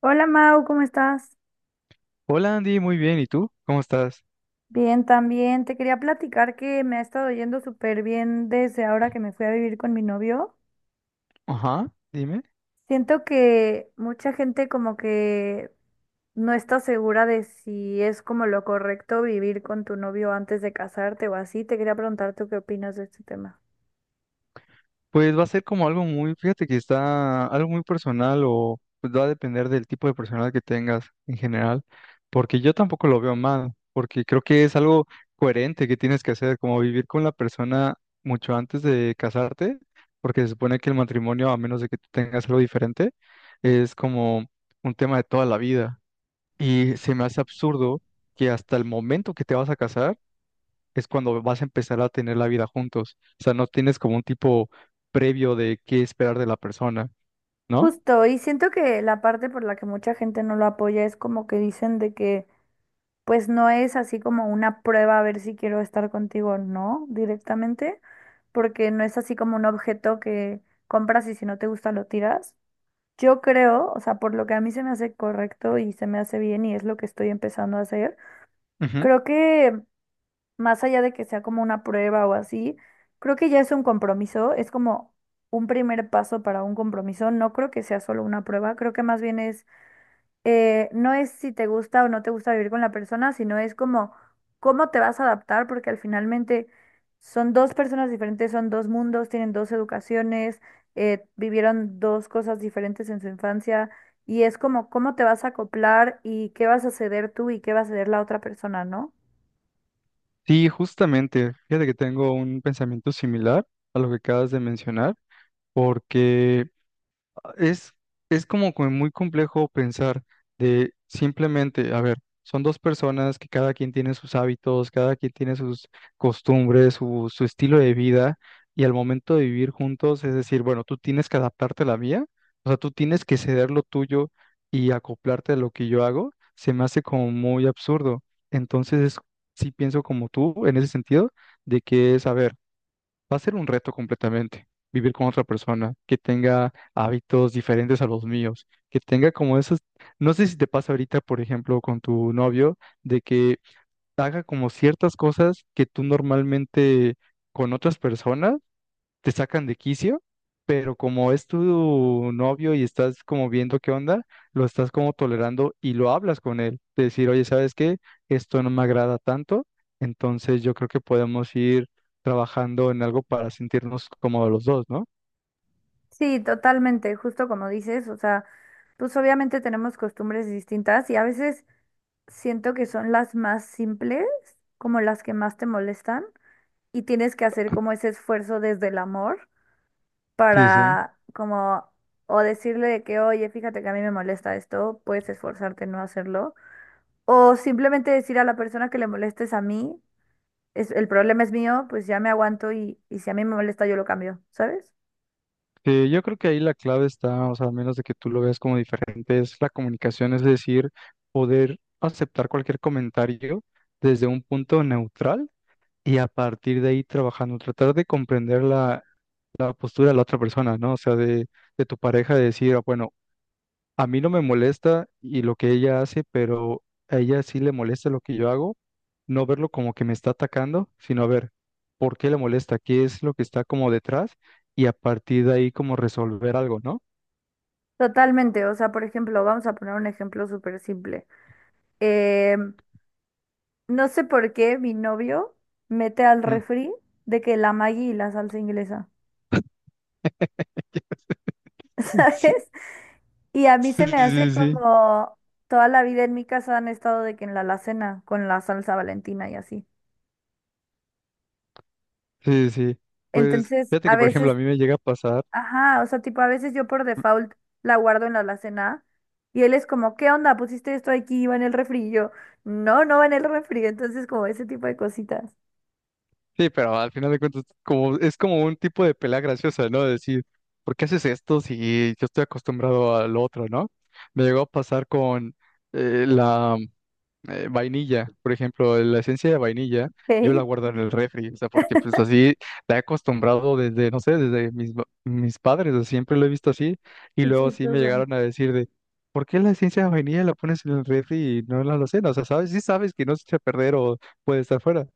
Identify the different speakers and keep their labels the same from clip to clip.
Speaker 1: Hola Mau, ¿cómo estás?
Speaker 2: Hola Andy, muy bien. ¿Y tú? ¿Cómo estás?
Speaker 1: Bien, también. Te quería platicar que me ha estado yendo súper bien desde ahora que me fui a vivir con mi novio.
Speaker 2: Ajá, dime.
Speaker 1: Siento que mucha gente como que no está segura de si es como lo correcto vivir con tu novio antes de casarte o así. Te quería preguntar tú qué opinas de este tema.
Speaker 2: Pues va a ser como algo muy, fíjate que está algo muy personal o pues va a depender del tipo de personal que tengas en general, porque yo tampoco lo veo mal, porque creo que es algo coherente que tienes que hacer, como vivir con la persona mucho antes de casarte, porque se supone que el matrimonio, a menos de que tú tengas algo diferente, es como un tema de toda la vida. Y se me hace absurdo que hasta el momento que te vas a casar, es cuando vas a empezar a tener la vida juntos. O sea, no tienes como un tipo previo de qué esperar de la persona, ¿no?
Speaker 1: Justo, y siento que la parte por la que mucha gente no lo apoya es como que dicen de que pues no es así como una prueba a ver si quiero estar contigo o no directamente, porque no es así como un objeto que compras y si no te gusta lo tiras. Yo creo, o sea, por lo que a mí se me hace correcto y se me hace bien y es lo que estoy empezando a hacer,
Speaker 2: Ujú.
Speaker 1: creo que más allá de que sea como una prueba o así, creo que ya es un compromiso, es como un primer paso para un compromiso, no creo que sea solo una prueba, creo que más bien es no es si te gusta o no te gusta vivir con la persona, sino es como cómo te vas a adaptar, porque al finalmente son dos personas diferentes, son dos mundos, tienen dos educaciones, vivieron dos cosas diferentes en su infancia, y es como cómo te vas a acoplar y qué vas a ceder tú y qué va a ceder la otra persona, ¿no?
Speaker 2: Sí, justamente. Fíjate que tengo un pensamiento similar a lo que acabas de mencionar, porque Es, es como que muy complejo pensar de simplemente, a ver, son dos personas que cada quien tiene sus hábitos, cada quien tiene sus costumbres, su estilo de vida, y al momento de vivir juntos, es decir, bueno, tú tienes que adaptarte a la mía, o sea, tú tienes que ceder lo tuyo y acoplarte a lo que yo hago, se me hace como muy absurdo. Entonces, sí pienso como tú en ese sentido, de que es, a ver, va a ser un reto completamente vivir con otra persona que tenga hábitos diferentes a los míos, que tenga como esos, no sé si te pasa ahorita, por ejemplo, con tu novio, de que haga como ciertas cosas que tú normalmente con otras personas te sacan de quicio, pero como es tu novio y estás como viendo qué onda, lo estás como tolerando y lo hablas con él. De decir, oye, ¿sabes qué? Esto no me agrada tanto, entonces yo creo que podemos ir trabajando en algo para sentirnos cómodos los dos, ¿no?
Speaker 1: Sí, totalmente, justo como dices, o sea, pues obviamente tenemos costumbres distintas y a veces siento que son las más simples, como las que más te molestan. Y tienes que hacer como ese esfuerzo desde el amor
Speaker 2: Sí, sí.
Speaker 1: para como o decirle de que, oye, fíjate que a mí me molesta esto, puedes esforzarte en no hacerlo, o simplemente decir a la persona que le molestes a mí, es, el problema es mío, pues ya me aguanto y si a mí me molesta yo lo cambio, ¿sabes?
Speaker 2: Sí, yo creo que ahí la clave está, o sea, a menos de que tú lo veas como diferente, es la comunicación, es decir, poder aceptar cualquier comentario desde un punto neutral y a partir de ahí trabajando, tratar de comprender la la postura de la otra persona, ¿no? O sea, de tu pareja de decir, "Ah, bueno, a mí no me molesta y lo que ella hace, pero a ella sí le molesta lo que yo hago, no verlo como que me está atacando, sino a ver por qué le molesta, qué es lo que está como detrás y a partir de ahí como resolver algo, ¿no?"
Speaker 1: Totalmente, o sea, por ejemplo, vamos a poner un ejemplo súper simple. Em, no sé por qué mi novio mete al
Speaker 2: Mm.
Speaker 1: refri de que la Maggi y la salsa inglesa,
Speaker 2: Sí,
Speaker 1: ¿sabes? Y a mí
Speaker 2: sí,
Speaker 1: se me hace
Speaker 2: sí, sí,
Speaker 1: como toda la vida en mi casa han estado de que en la alacena con la salsa Valentina y así.
Speaker 2: sí, sí. Pues
Speaker 1: Entonces,
Speaker 2: fíjate
Speaker 1: a
Speaker 2: que, por ejemplo, a
Speaker 1: veces,
Speaker 2: mí me llega a pasar.
Speaker 1: ajá, o sea, tipo, a veces yo por default la guardo en la alacena y él es como, ¿qué onda? ¿Pusiste esto aquí? ¿Iba en el refri? Y yo, no, no va en el refri. Entonces, como ese tipo de cositas.
Speaker 2: Sí, pero al final de cuentas, como, es como un tipo de pelea graciosa, ¿no? De decir, ¿por qué haces esto si yo estoy acostumbrado al otro? ¿No? Me llegó a pasar con la vainilla, por ejemplo, la esencia de vainilla, yo la
Speaker 1: ¿Eh?
Speaker 2: guardo en el refri, o sea, porque pues así la he acostumbrado desde, no sé, desde mis, mis padres, o sea, siempre lo he visto así, y
Speaker 1: Qué
Speaker 2: luego sí me
Speaker 1: chistoso.
Speaker 2: llegaron a decir de, ¿por qué la esencia de vainilla la pones en el refri y no en la alacena? O sea, ¿sabes? Sí sabes que no se echa a perder o puede estar fuera.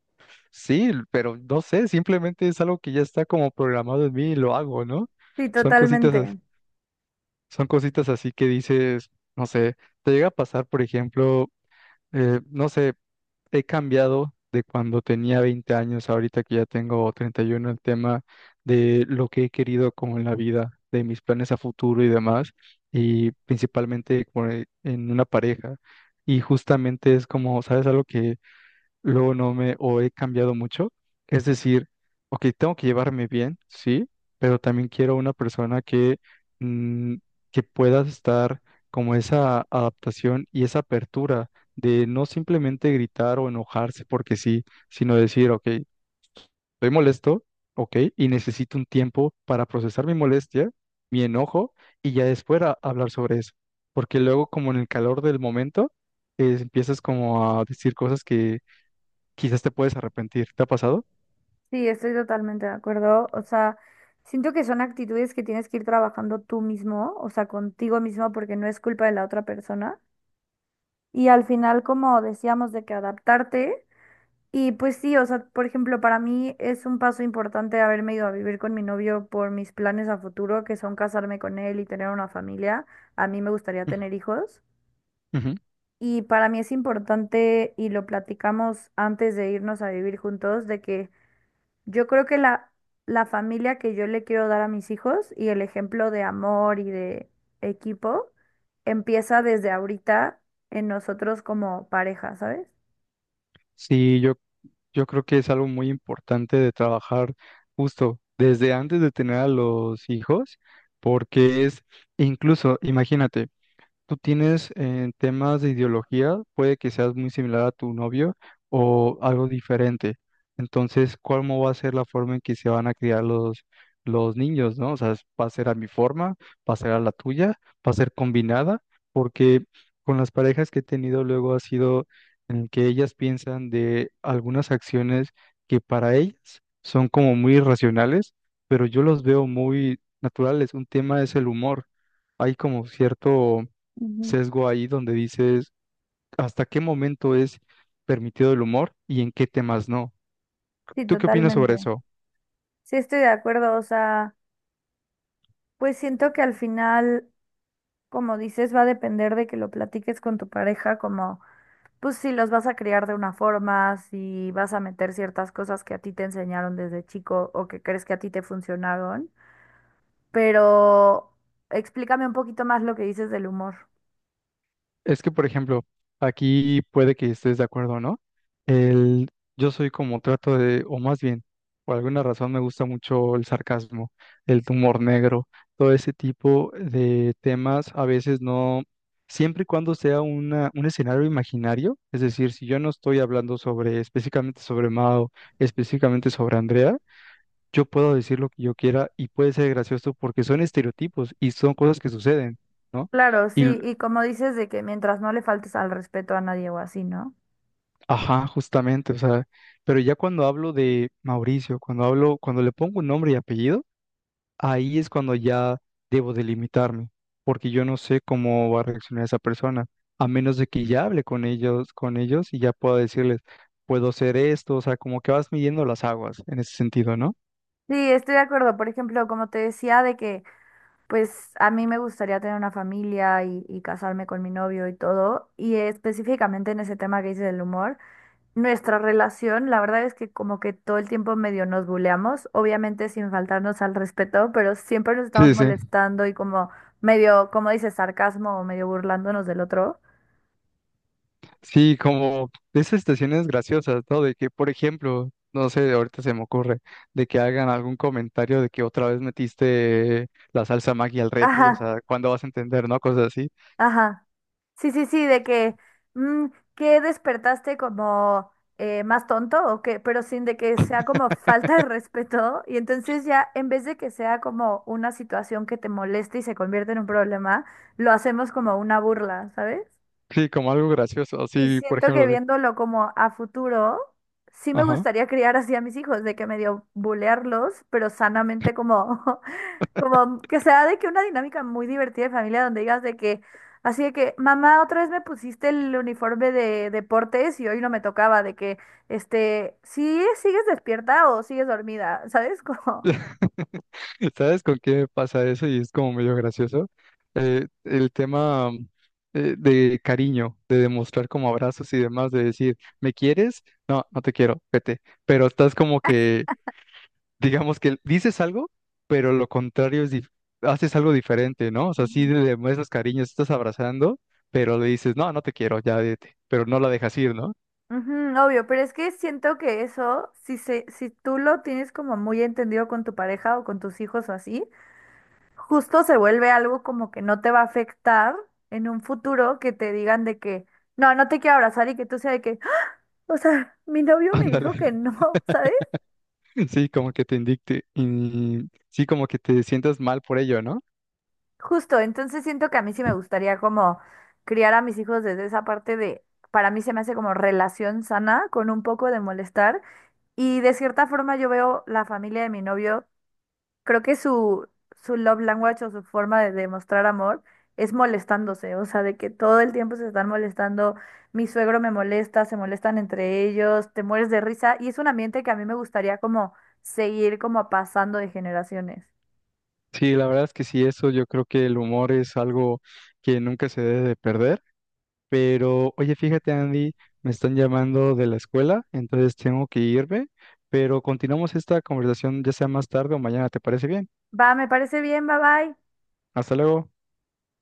Speaker 2: Sí, pero no sé, simplemente es algo que ya está como programado en mí y lo hago, ¿no?
Speaker 1: Sí,
Speaker 2: Son cositas,
Speaker 1: totalmente.
Speaker 2: son cositas así que dices, no sé, te llega a pasar, por ejemplo, no sé, he cambiado de cuando tenía 20 años, ahorita que ya tengo 31, el tema de lo que he querido como en la vida, de mis planes a futuro y demás, y principalmente como en una pareja. Y justamente es como, ¿sabes algo que luego no me o he cambiado mucho? Es decir, ok, tengo que llevarme bien, sí, pero también quiero una persona que, mm, que pueda estar como esa adaptación y esa apertura de no simplemente gritar o enojarse porque sí, sino decir, ok, estoy molesto, ok, y necesito un tiempo para procesar mi molestia, mi enojo, y ya después hablar sobre eso. Porque luego, como en el calor del momento, empiezas como a decir cosas que quizás te puedes arrepentir. ¿Te ha pasado?
Speaker 1: Sí, estoy totalmente de acuerdo. O sea, siento que son actitudes que tienes que ir trabajando tú mismo, o sea, contigo mismo, porque no es culpa de la otra persona. Y al final, como decíamos, de que adaptarte. Y pues sí, o sea, por ejemplo, para mí es un paso importante haberme ido a vivir con mi novio por mis planes a futuro, que son casarme con él y tener una familia. A mí me gustaría
Speaker 2: Ujú.
Speaker 1: tener hijos.
Speaker 2: Ujú.
Speaker 1: Y para mí es importante, y lo platicamos antes de irnos a vivir juntos, de que yo creo que la familia que yo le quiero dar a mis hijos y el ejemplo de amor y de equipo empieza desde ahorita en nosotros como pareja, ¿sabes?
Speaker 2: Sí, yo creo que es algo muy importante de trabajar justo desde antes de tener a los hijos, porque es, incluso, imagínate, tú tienes en temas de ideología, puede que seas muy similar a tu novio o algo diferente. Entonces, ¿cómo va a ser la forma en que se van a criar los niños, ¿no? O sea, ¿va a ser a mi forma? ¿Va a ser a la tuya? ¿Va a ser combinada? Porque con las parejas que he tenido luego ha sido en el que ellas piensan de algunas acciones que para ellas son como muy irracionales, pero yo los veo muy naturales. Un tema es el humor. Hay como cierto
Speaker 1: Ujú.
Speaker 2: sesgo ahí donde dices hasta qué momento es permitido el humor y en qué temas no.
Speaker 1: Sí,
Speaker 2: ¿Tú qué opinas sobre
Speaker 1: totalmente.
Speaker 2: eso?
Speaker 1: Sí, estoy de acuerdo. O sea, pues siento que al final, como dices, va a depender de que lo platiques con tu pareja, como, pues si los vas a criar de una forma, si vas a meter ciertas cosas que a ti te enseñaron desde chico o que crees que a ti te funcionaron. Pero explícame un poquito más lo que dices del humor.
Speaker 2: Es que, por ejemplo, aquí puede que estés de acuerdo o no. El, yo soy como trato de, o más bien, por alguna razón me gusta mucho el sarcasmo, el humor negro, todo ese tipo de temas. A veces no, siempre y cuando sea una, un escenario imaginario, es decir, si yo no estoy hablando sobre específicamente sobre Mao, específicamente sobre Andrea, yo puedo decir lo que yo quiera y puede ser gracioso porque son estereotipos y son cosas que suceden, ¿no?
Speaker 1: Claro,
Speaker 2: Y,
Speaker 1: sí, y como dices de que mientras no le faltes al respeto a nadie o así, ¿no?
Speaker 2: ajá, justamente, o sea, pero ya cuando hablo de Mauricio, cuando hablo, cuando le pongo un nombre y apellido, ahí es cuando ya debo delimitarme, porque yo no sé cómo va a reaccionar esa persona, a menos de que ya hable con ellos y ya pueda decirles, puedo ser esto, o sea, como que vas midiendo las aguas en ese sentido, ¿no?
Speaker 1: Sí, estoy de acuerdo. Por ejemplo, como te decía, de que pues a mí me gustaría tener una familia y casarme con mi novio y todo. Y específicamente en ese tema que dices del humor, nuestra relación, la verdad es que como que todo el tiempo medio nos buleamos, obviamente sin faltarnos al respeto, pero siempre nos estamos
Speaker 2: Sí, sí.
Speaker 1: molestando y como medio, como dices sarcasmo o medio burlándonos del otro.
Speaker 2: Sí, como esas estaciones graciosas, ¿no? De que, por ejemplo, no sé, ahorita se me ocurre, de que hagan algún comentario de que otra vez metiste la salsa Maggi al refri, o
Speaker 1: Ajá.
Speaker 2: sea, ¿cuándo vas a entender, no? Cosas así.
Speaker 1: Ajá. Sí, sí, sí, de que, mm, que despertaste como más tonto o qué, pero sin de que sea como falta de respeto. Y entonces ya, en vez de que sea como una situación que te moleste y se convierte en un problema, lo hacemos como una burla, ¿sabes?
Speaker 2: Sí, como algo gracioso.
Speaker 1: Y
Speaker 2: Sí, por
Speaker 1: siento que
Speaker 2: ejemplo, de,
Speaker 1: viéndolo como a futuro, sí me
Speaker 2: ajá.
Speaker 1: gustaría criar así a mis hijos, de que medio bulearlos, pero sanamente como como que sea de que una dinámica muy divertida de familia donde digas de que, así de que, mamá, otra vez me pusiste el uniforme de deportes y hoy no me tocaba, de que, este, sí, sigues despierta o sigues dormida, ¿sabes? Como,
Speaker 2: ¿Sabes con qué pasa eso? Y es como medio gracioso. El tema de cariño, de demostrar como abrazos y demás, de decir, ¿me quieres? No, no te quiero, vete. Pero estás como que digamos que dices algo, pero lo contrario es, haces algo diferente, ¿no? O sea, sí
Speaker 1: ujú.
Speaker 2: le demuestras cariño, sí estás abrazando, pero le dices, no, no te quiero, ya vete, pero no la dejas ir, ¿no?
Speaker 1: Ujú, obvio, pero es que siento que eso, si se, si tú lo tienes como muy entendido con tu pareja o con tus hijos o así, justo se vuelve algo como que no te va a afectar en un futuro que te digan de que, no, no te quiero abrazar y que tú sea de que o sea, mi novio me
Speaker 2: Ándale,
Speaker 1: dijo que no, ¿sabes?
Speaker 2: sí, como que te indicte y sí, como que te sientas mal por ello, ¿no?
Speaker 1: Justo, entonces siento que a mí sí me gustaría como criar a mis hijos desde esa parte de, para mí se me hace como relación sana con un poco de molestar y de cierta forma yo veo la familia de mi novio, creo que su love language o su forma de demostrar amor es molestándose, o sea, de que todo el tiempo se están molestando, mi suegro me molesta, se molestan entre ellos, te mueres de risa y es un ambiente que a mí me gustaría como seguir como pasando de generaciones.
Speaker 2: Sí, la verdad es que sí, eso yo creo que el humor es algo que nunca se debe de perder. Pero, oye, fíjate, Andy, me están llamando de la escuela, entonces tengo que irme, pero continuamos esta conversación ya sea más tarde o mañana, ¿te parece bien?
Speaker 1: Va, me parece bien, bye bye.
Speaker 2: Hasta luego.